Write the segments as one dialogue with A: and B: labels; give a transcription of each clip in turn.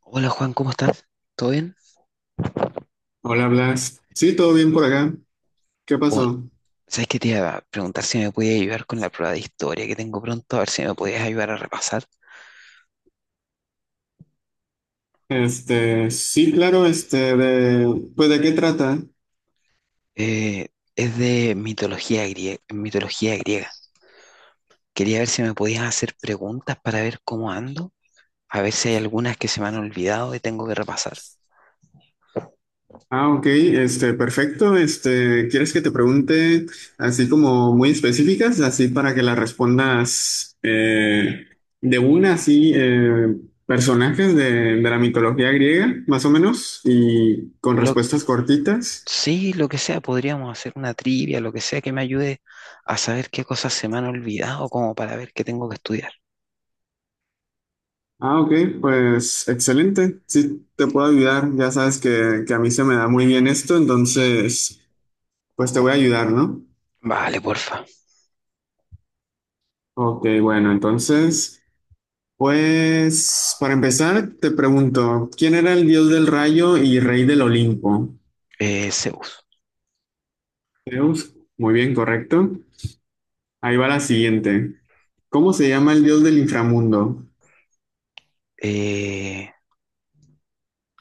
A: Hola Juan, ¿cómo estás? ¿Todo bien?
B: Hola Blas. Sí, todo bien por acá. ¿Qué
A: Oh,
B: pasó?
A: ¿sabes qué te iba a preguntar si me podías ayudar con la prueba de historia que tengo pronto? A ver si me podías ayudar a repasar.
B: Sí, claro, pues ¿de qué trata?
A: Eh, es de mitología griega, mitología griega. Quería ver si me podías hacer preguntas para ver cómo ando, a ver si hay algunas que se me han olvidado y tengo que repasar.
B: Ah, ok, perfecto. ¿Quieres que te pregunte así como muy específicas, así para que las respondas de una, así, personajes de la mitología griega, más o menos, y con
A: Lo,
B: respuestas cortitas?
A: sí, lo que sea, podríamos hacer una trivia, lo que sea que me ayude a saber qué cosas se me han olvidado, como para ver qué tengo que estudiar.
B: Ah, ok, pues excelente. Sí, te puedo ayudar. Ya sabes que a mí se me da muy bien esto, entonces, pues te voy a ayudar, ¿no?
A: Vale, porfa.
B: Ok, bueno, entonces, pues para empezar, te pregunto, ¿quién era el dios del rayo y rey del Olimpo?
A: Zeus.
B: Zeus. Muy bien, correcto. Ahí va la siguiente. ¿Cómo se llama el dios del inframundo?
A: Eh,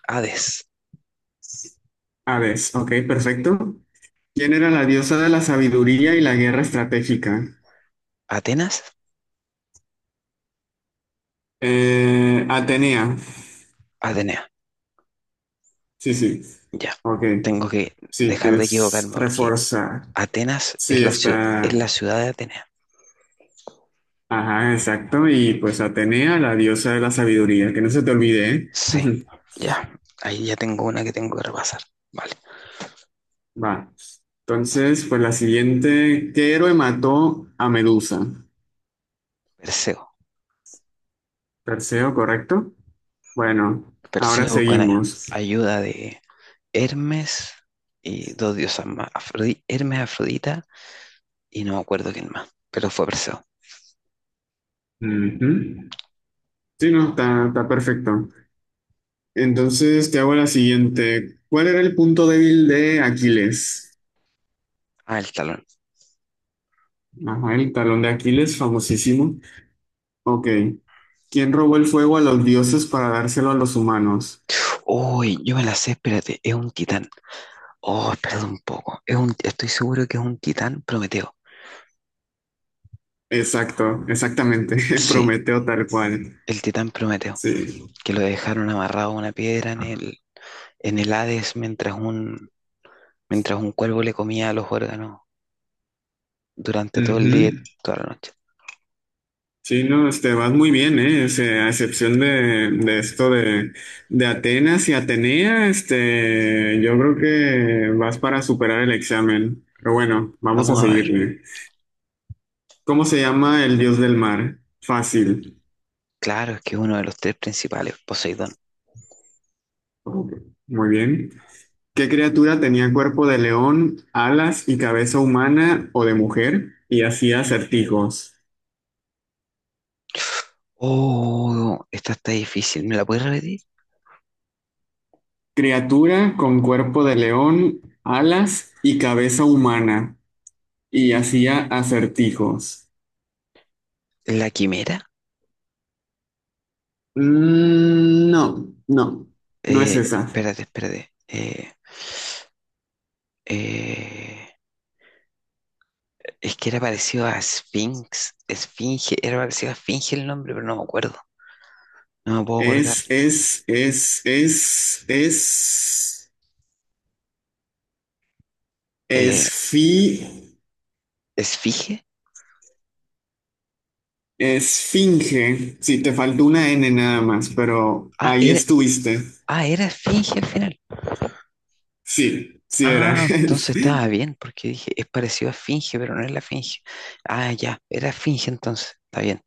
A: Hades.
B: Hades. Ok, perfecto. ¿Quién era la diosa de la sabiduría y la guerra estratégica?
A: Atenas,
B: Atenea.
A: Atenea.
B: Sí, sí.
A: Ya.
B: Ok.
A: Tengo que
B: Sí,
A: dejar de
B: tienes
A: equivocarme porque
B: reforzar.
A: Atenas
B: Sí,
A: es
B: está.
A: la ciudad de Atenea.
B: Ajá, exacto. Y pues Atenea, la diosa de la sabiduría, que no se te olvide, ¿eh?
A: Sí, ya. Ahí ya tengo una que tengo que repasar. Vale.
B: Va. Entonces, pues la siguiente, ¿qué héroe mató a Medusa?
A: Perseo.
B: Perseo, ¿correcto? Bueno, ahora
A: Perseo con
B: seguimos.
A: ayuda de Hermes y dos diosas más. Hermes, Afrodita y no me acuerdo quién más. Pero fue Perseo.
B: Ujú. Sí, no, está perfecto. Entonces, te hago la siguiente. ¿Cuál era el punto débil de Aquiles?
A: Ah, el talón.
B: Ajá, el talón de Aquiles, famosísimo. Ok. ¿Quién robó el fuego a los dioses para dárselo a los humanos?
A: Uy, yo me la sé, espérate, es un titán. Oh, espérate un poco. Estoy seguro que es un titán Prometeo.
B: Exacto, exactamente.
A: Sí,
B: Prometeo tal cual.
A: el titán Prometeo,
B: Sí.
A: que lo dejaron amarrado a una piedra en el Hades mientras un cuervo le comía los órganos durante todo el día y
B: Ujú.
A: toda la noche.
B: Sí, no, vas muy bien, ¿eh? O sea, a excepción de esto de Atenas y Atenea, yo creo que vas para superar el examen. Pero bueno, vamos a
A: Vamos a ver.
B: seguirle. ¿Cómo se llama el dios del mar? Fácil.
A: Claro, es que es uno de los tres principales, Poseidón.
B: Ok, muy bien. ¿Qué criatura tenía cuerpo de león, alas y cabeza humana o de mujer y hacía acertijos?
A: Oh, esta está difícil. ¿Me la puedes repetir?
B: Criatura con cuerpo de león, alas y cabeza humana y hacía acertijos.
A: ¿La quimera?
B: Mm, no, no, no es
A: Eh,
B: esa.
A: espérate, espérate. Eh, Es que era parecido a Sphinx, Esfinge, era parecido a Esfinge el nombre, pero no me acuerdo, no me puedo acordar.
B: Es, es, es, es, es,
A: Eh,
B: esfi,
A: ¿Esfinge?
B: esfinge. Sí, te faltó una N nada más, pero
A: Ah,
B: ahí
A: era,
B: estuviste.
A: ah, era Esfinge al final.
B: Sí, sí era.
A: Ah, entonces estaba
B: Sí.
A: bien, porque dije, es parecido a Esfinge, pero no es la Esfinge. Ah, ya, era Esfinge entonces, está bien.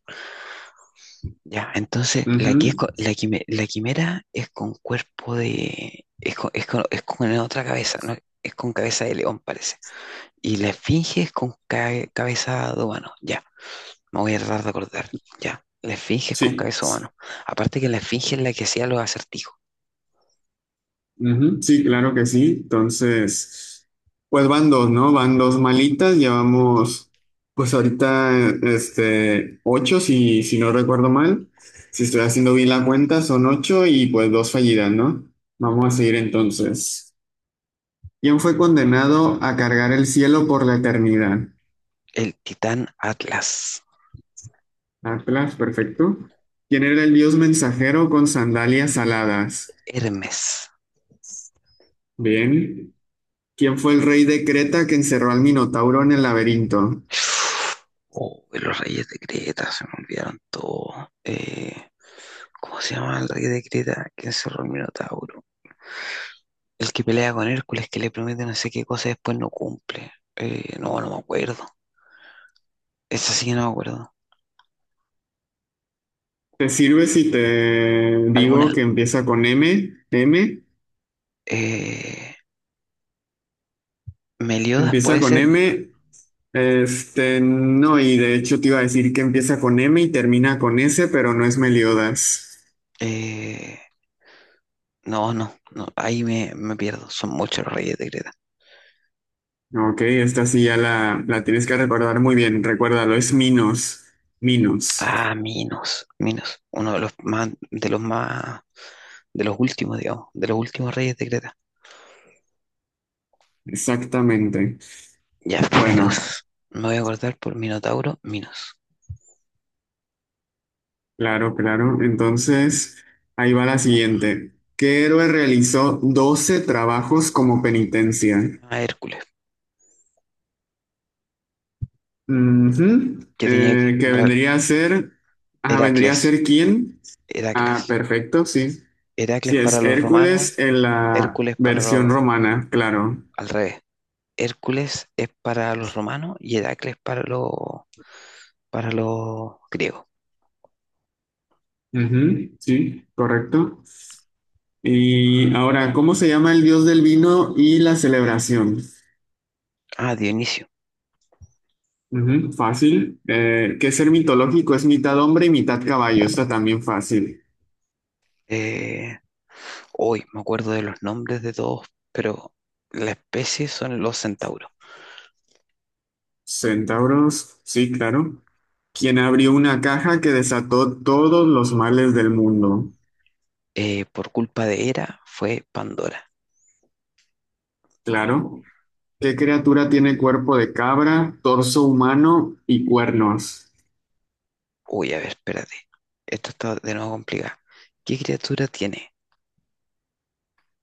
A: Ya, entonces la que es
B: Ujú,
A: co- la quime- la quimera es con cuerpo de, es con, es con- es con otra cabeza, ¿no? Es con cabeza de león, parece. Y la esfinge es con cabeza de humano, ya. Me voy a tratar de acordar. Ya, la esfinge es con
B: sí,
A: cabeza humano. Aparte que la esfinge es la que hacía los acertijos.
B: ujú, sí, claro que sí. Entonces, pues van dos, ¿no? Van dos malitas. Llevamos, pues ahorita, ocho, si no recuerdo mal. Si estoy haciendo bien la cuenta, son ocho y pues dos fallidas, ¿no? Vamos a seguir entonces. ¿Quién fue condenado a cargar el cielo por la eternidad?
A: El titán Atlas.
B: Atlas, perfecto. ¿Quién era el dios mensajero con sandalias aladas?
A: Hermes.
B: Bien. ¿Quién fue el rey de Creta que encerró al Minotauro en el laberinto?
A: Oh, los reyes de Creta, se me olvidaron todo. ¿Cómo se llama el rey de Creta que encerró el Minotauro? El que pelea con Hércules, que le promete no sé qué cosa y después no cumple. No, no me acuerdo. Esa sí que no me acuerdo.
B: ¿Te sirve si te
A: ¿Alguna?
B: digo que empieza con M? ¿M?
A: Eh, Meliodas
B: Empieza
A: puede
B: con
A: ser.
B: M. No, y de hecho te iba a decir que empieza con M y termina con S, pero no es Meliodas.
A: Eh, No, no, no, ahí me pierdo. Son muchos los reyes de Creta.
B: Ok, esta sí ya la tienes que recordar muy bien. Recuérdalo, es Minos. Minos.
A: Ah, Minos, Minos, uno de de los últimos, digamos, de los últimos reyes de Creta.
B: Exactamente.
A: Ya,
B: Bueno.
A: Minos. Me voy a acordar por Minotauro, Minos.
B: Claro, claro. Entonces, ahí va la siguiente. ¿Qué héroe realizó 12 trabajos como penitencia?
A: Ah, Hércules,
B: Ujú.
A: que tenía que,
B: Que
A: Ra-
B: vendría a ser, ah, ¿vendría a
A: Heracles,
B: ser quién? Ah,
A: Heracles.
B: perfecto, sí.
A: Heracles
B: Sí,
A: para
B: es
A: los romanos,
B: Hércules en la
A: Hércules para
B: versión
A: los,
B: romana, claro.
A: al revés. Hércules es para los romanos y Heracles para los griegos.
B: Ujú, sí, correcto. Y ahora, ¿cómo se llama el dios del vino y la celebración?
A: Ah, Dionisio.
B: Ujú, fácil. ¿Qué ser mitológico? Es mitad hombre y mitad caballo. Está también fácil.
A: Eh, Hoy me acuerdo de los nombres de todos, pero la especie son los centauros.
B: Centauros, sí, claro. ¿Quién abrió una caja que desató todos los males del mundo?
A: Por culpa de Hera fue Pandora.
B: Claro. ¿Qué criatura tiene cuerpo de cabra, torso humano y cuernos?
A: Uy, a ver, espérate. Esto está de nuevo complicado. ¿Qué criatura tiene?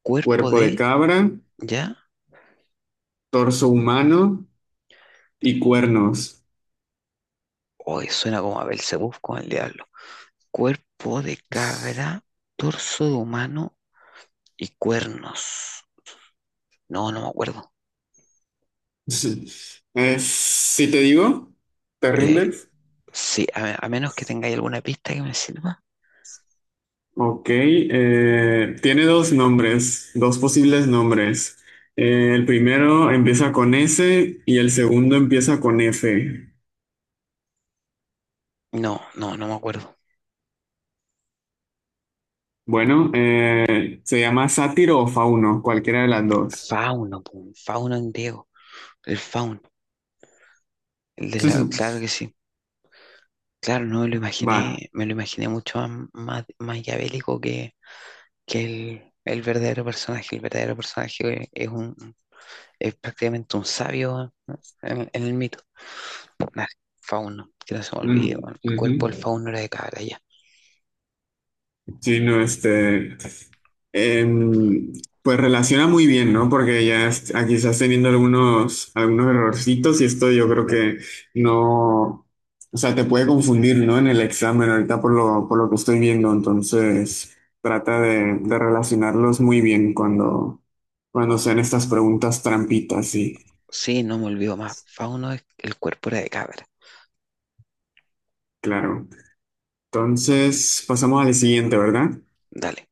A: Cuerpo
B: Cuerpo de
A: de.
B: cabra,
A: ¿Ya?
B: torso humano y cuernos.
A: Hoy suena como a Belcebú con el diablo. Cuerpo de cabra, torso de humano y cuernos. No, no me acuerdo.
B: Si te digo, ¿te
A: Eh,
B: rindes?
A: sí, a menos que tengáis alguna pista que me sirva.
B: Ok, tiene dos nombres, dos posibles nombres. El primero empieza con S y el segundo empieza con F.
A: No, no, no me acuerdo.
B: Bueno, se llama sátiro o fauno, cualquiera de las dos.
A: Fauno, pum, fauno en griego. El Faun, el de la, claro que sí. Claro, no me lo
B: Va.
A: imaginé, me lo imaginé mucho más, más maquiavélico que el verdadero personaje. El verdadero personaje es un, es prácticamente un sabio en el mito. Nah, fauno, que no se me olvide,
B: Mm,
A: weón. El
B: ujú.
A: cuerpo del fauno era de cabra, ya.
B: Sí, no, em, pues relaciona muy bien, ¿no? Porque aquí estás teniendo algunos errorcitos y esto yo creo que no, o sea, te puede confundir, ¿no? En el examen ahorita por lo que estoy viendo, entonces trata de relacionarlos muy bien cuando sean estas preguntas trampitas, sí,
A: Sí, no me olvido más. Fauno es el cuerpo era de cabra.
B: claro. Entonces pasamos al siguiente, ¿verdad?
A: Dale,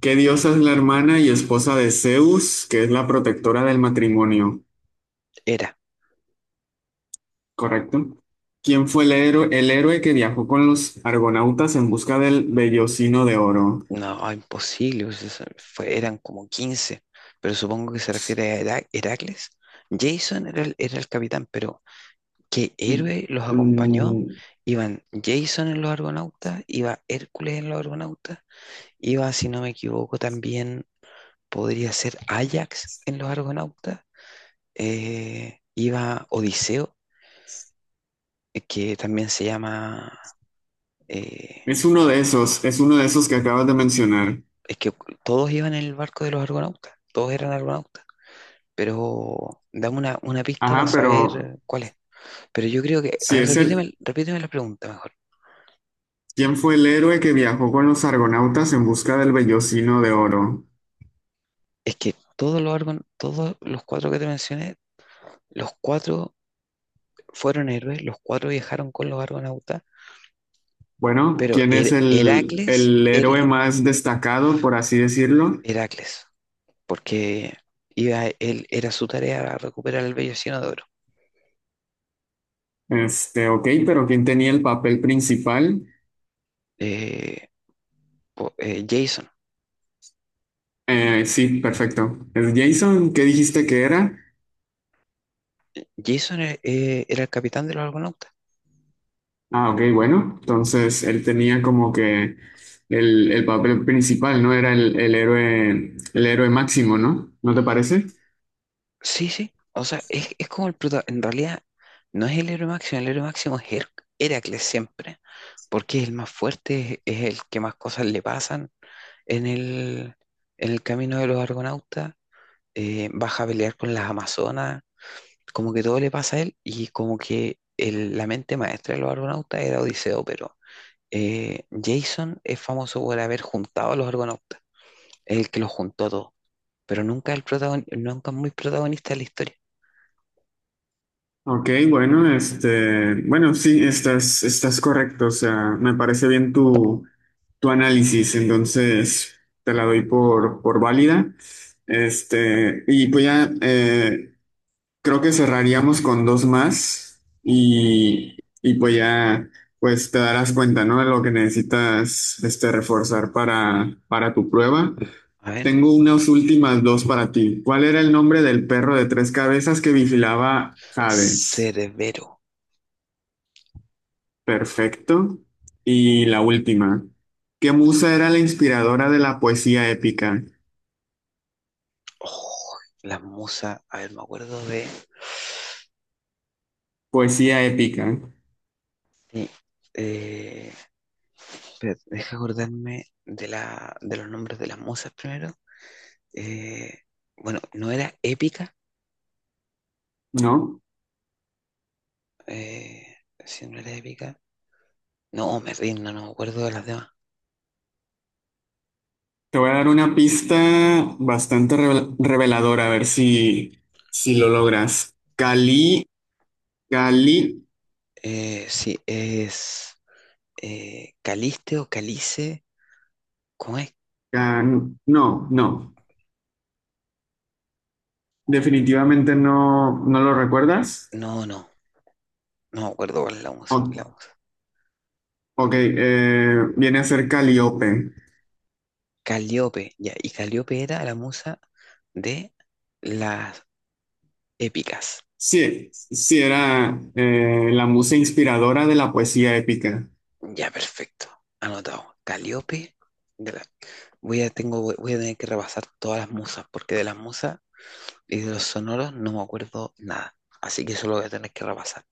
B: ¿Qué diosa es la hermana y esposa de Zeus, que es la protectora del matrimonio?
A: era.
B: Correcto. ¿Quién fue el héroe que viajó con los argonautas en busca del vellocino de oro?
A: No, imposible. Pues, eran como 15. Pero supongo que se refiere a Heracles. Jason era el capitán, pero ¿qué
B: Mm,
A: héroe los acompañó?
B: mm,
A: Iban Jason en los Argonautas, iba Hércules en los Argonautas, iba, si no me equivoco, también podría ser Ajax en los Argonautas, iba Odiseo, que también se llama, eh,
B: es uno de esos que acabas de mencionar.
A: es que todos iban en el barco de los Argonautas, todos eran Argonautas, pero dame una pista para
B: Ajá,
A: saber
B: pero
A: cuál es. Pero yo creo que, a
B: si
A: ver,
B: es el,
A: repíteme, repíteme la pregunta mejor.
B: ¿quién fue el héroe que viajó con los argonautas en busca del vellocino de oro?
A: Es que todos los cuatro que te mencioné. Los cuatro fueron héroes, los cuatro viajaron con los argonautas,
B: Bueno,
A: pero
B: ¿quién es el,
A: Heracles,
B: el héroe más destacado, por así decirlo?
A: Heracles, porque era su tarea recuperar el vellocino de oro.
B: Ok, pero ¿quién tenía el papel principal?
A: Eh, Jason.
B: Sí, perfecto. ¿Es Jason? ¿Qué dijiste que era?
A: Jason era el capitán de los argonautas.
B: Ah, ok, bueno. Entonces él tenía como que el papel principal, ¿no? Era el héroe máximo, ¿no? ¿No te parece?
A: Sí, sí, o sea, es como en realidad no es el héroe máximo es Heracles siempre, porque es el más fuerte, es el que más cosas le pasan en el, en el camino de los argonautas. Baja a pelear con las Amazonas, como que todo le pasa a él y como que la mente maestra de los Argonautas era Odiseo, pero Jason es famoso por haber juntado a los Argonautas, es el que los juntó a todos, pero nunca es muy protagonista de la historia.
B: Ok, bueno, bueno, sí, estás correcto. O sea, me parece bien tu análisis. Entonces, te la doy por válida. Y pues ya, creo que cerraríamos con dos más y pues ya pues te darás cuenta, ¿no? De lo que necesitas reforzar para tu prueba.
A: A ver,
B: Tengo unas últimas dos para ti. ¿Cuál era el nombre del perro de tres cabezas que vigilaba Hades?
A: Cerbero.
B: Perfecto. Y la última. ¿Qué musa era la inspiradora de la poesía épica?
A: Oh, la musa, a ver, me acuerdo de.
B: Poesía épica,
A: De, eh, espera, deja acordarme de los nombres de las musas primero. Eh, bueno, ¿no era épica?
B: ¿no?
A: Eh, si no era épica. No, me rindo, no me acuerdo de las demás.
B: Te voy a dar una pista bastante reveladora, a ver si lo logras. Cali, Cali,
A: Sí, es Caliste o Calice. ¿Cómo es?
B: No, no, definitivamente no, no lo recuerdas.
A: No, no, no me acuerdo cuál es la musa. La
B: O-
A: musa.
B: ok, viene a ser Calíope.
A: Calíope, ya. Y Calíope era la musa de las épicas.
B: Sí, sí, era la musa inspiradora de la poesía épica.
A: Ya, perfecto. Anotado. Calíope. de la- voy a tener que repasar todas las musas, porque de las musas y de los sonoros no me acuerdo nada. Así que eso lo voy a tener que repasar.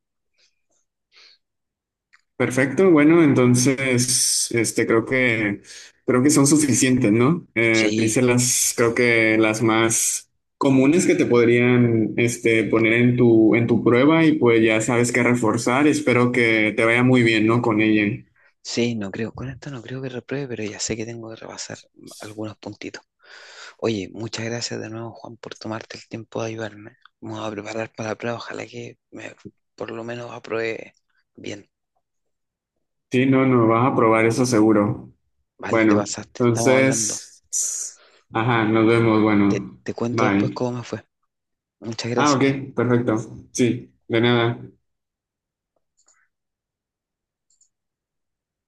B: Perfecto, bueno, entonces, creo que son suficientes, ¿no? Te hice
A: Sí.
B: las, creo que las más comunes que te podrían, poner en tu prueba y pues ya sabes qué reforzar. Espero que te vaya muy bien, ¿no? Con ella.
A: Sí, no creo, con esto no creo que repruebe, pero ya sé que tengo que repasar algunos puntitos. Oye, muchas gracias de nuevo, Juan, por tomarte el tiempo de ayudarme. Vamos a preparar para la prueba, ojalá que me, por lo menos apruebe bien.
B: Sí, no, no, vas a probar eso seguro.
A: Vale, te
B: Bueno,
A: pasaste, estamos hablando.
B: entonces, ajá, nos vemos,
A: Te,
B: bueno,
A: te cuento después
B: bye.
A: cómo me fue. Muchas
B: Ah,
A: gracias.
B: ok, perfecto. Sí, de nada.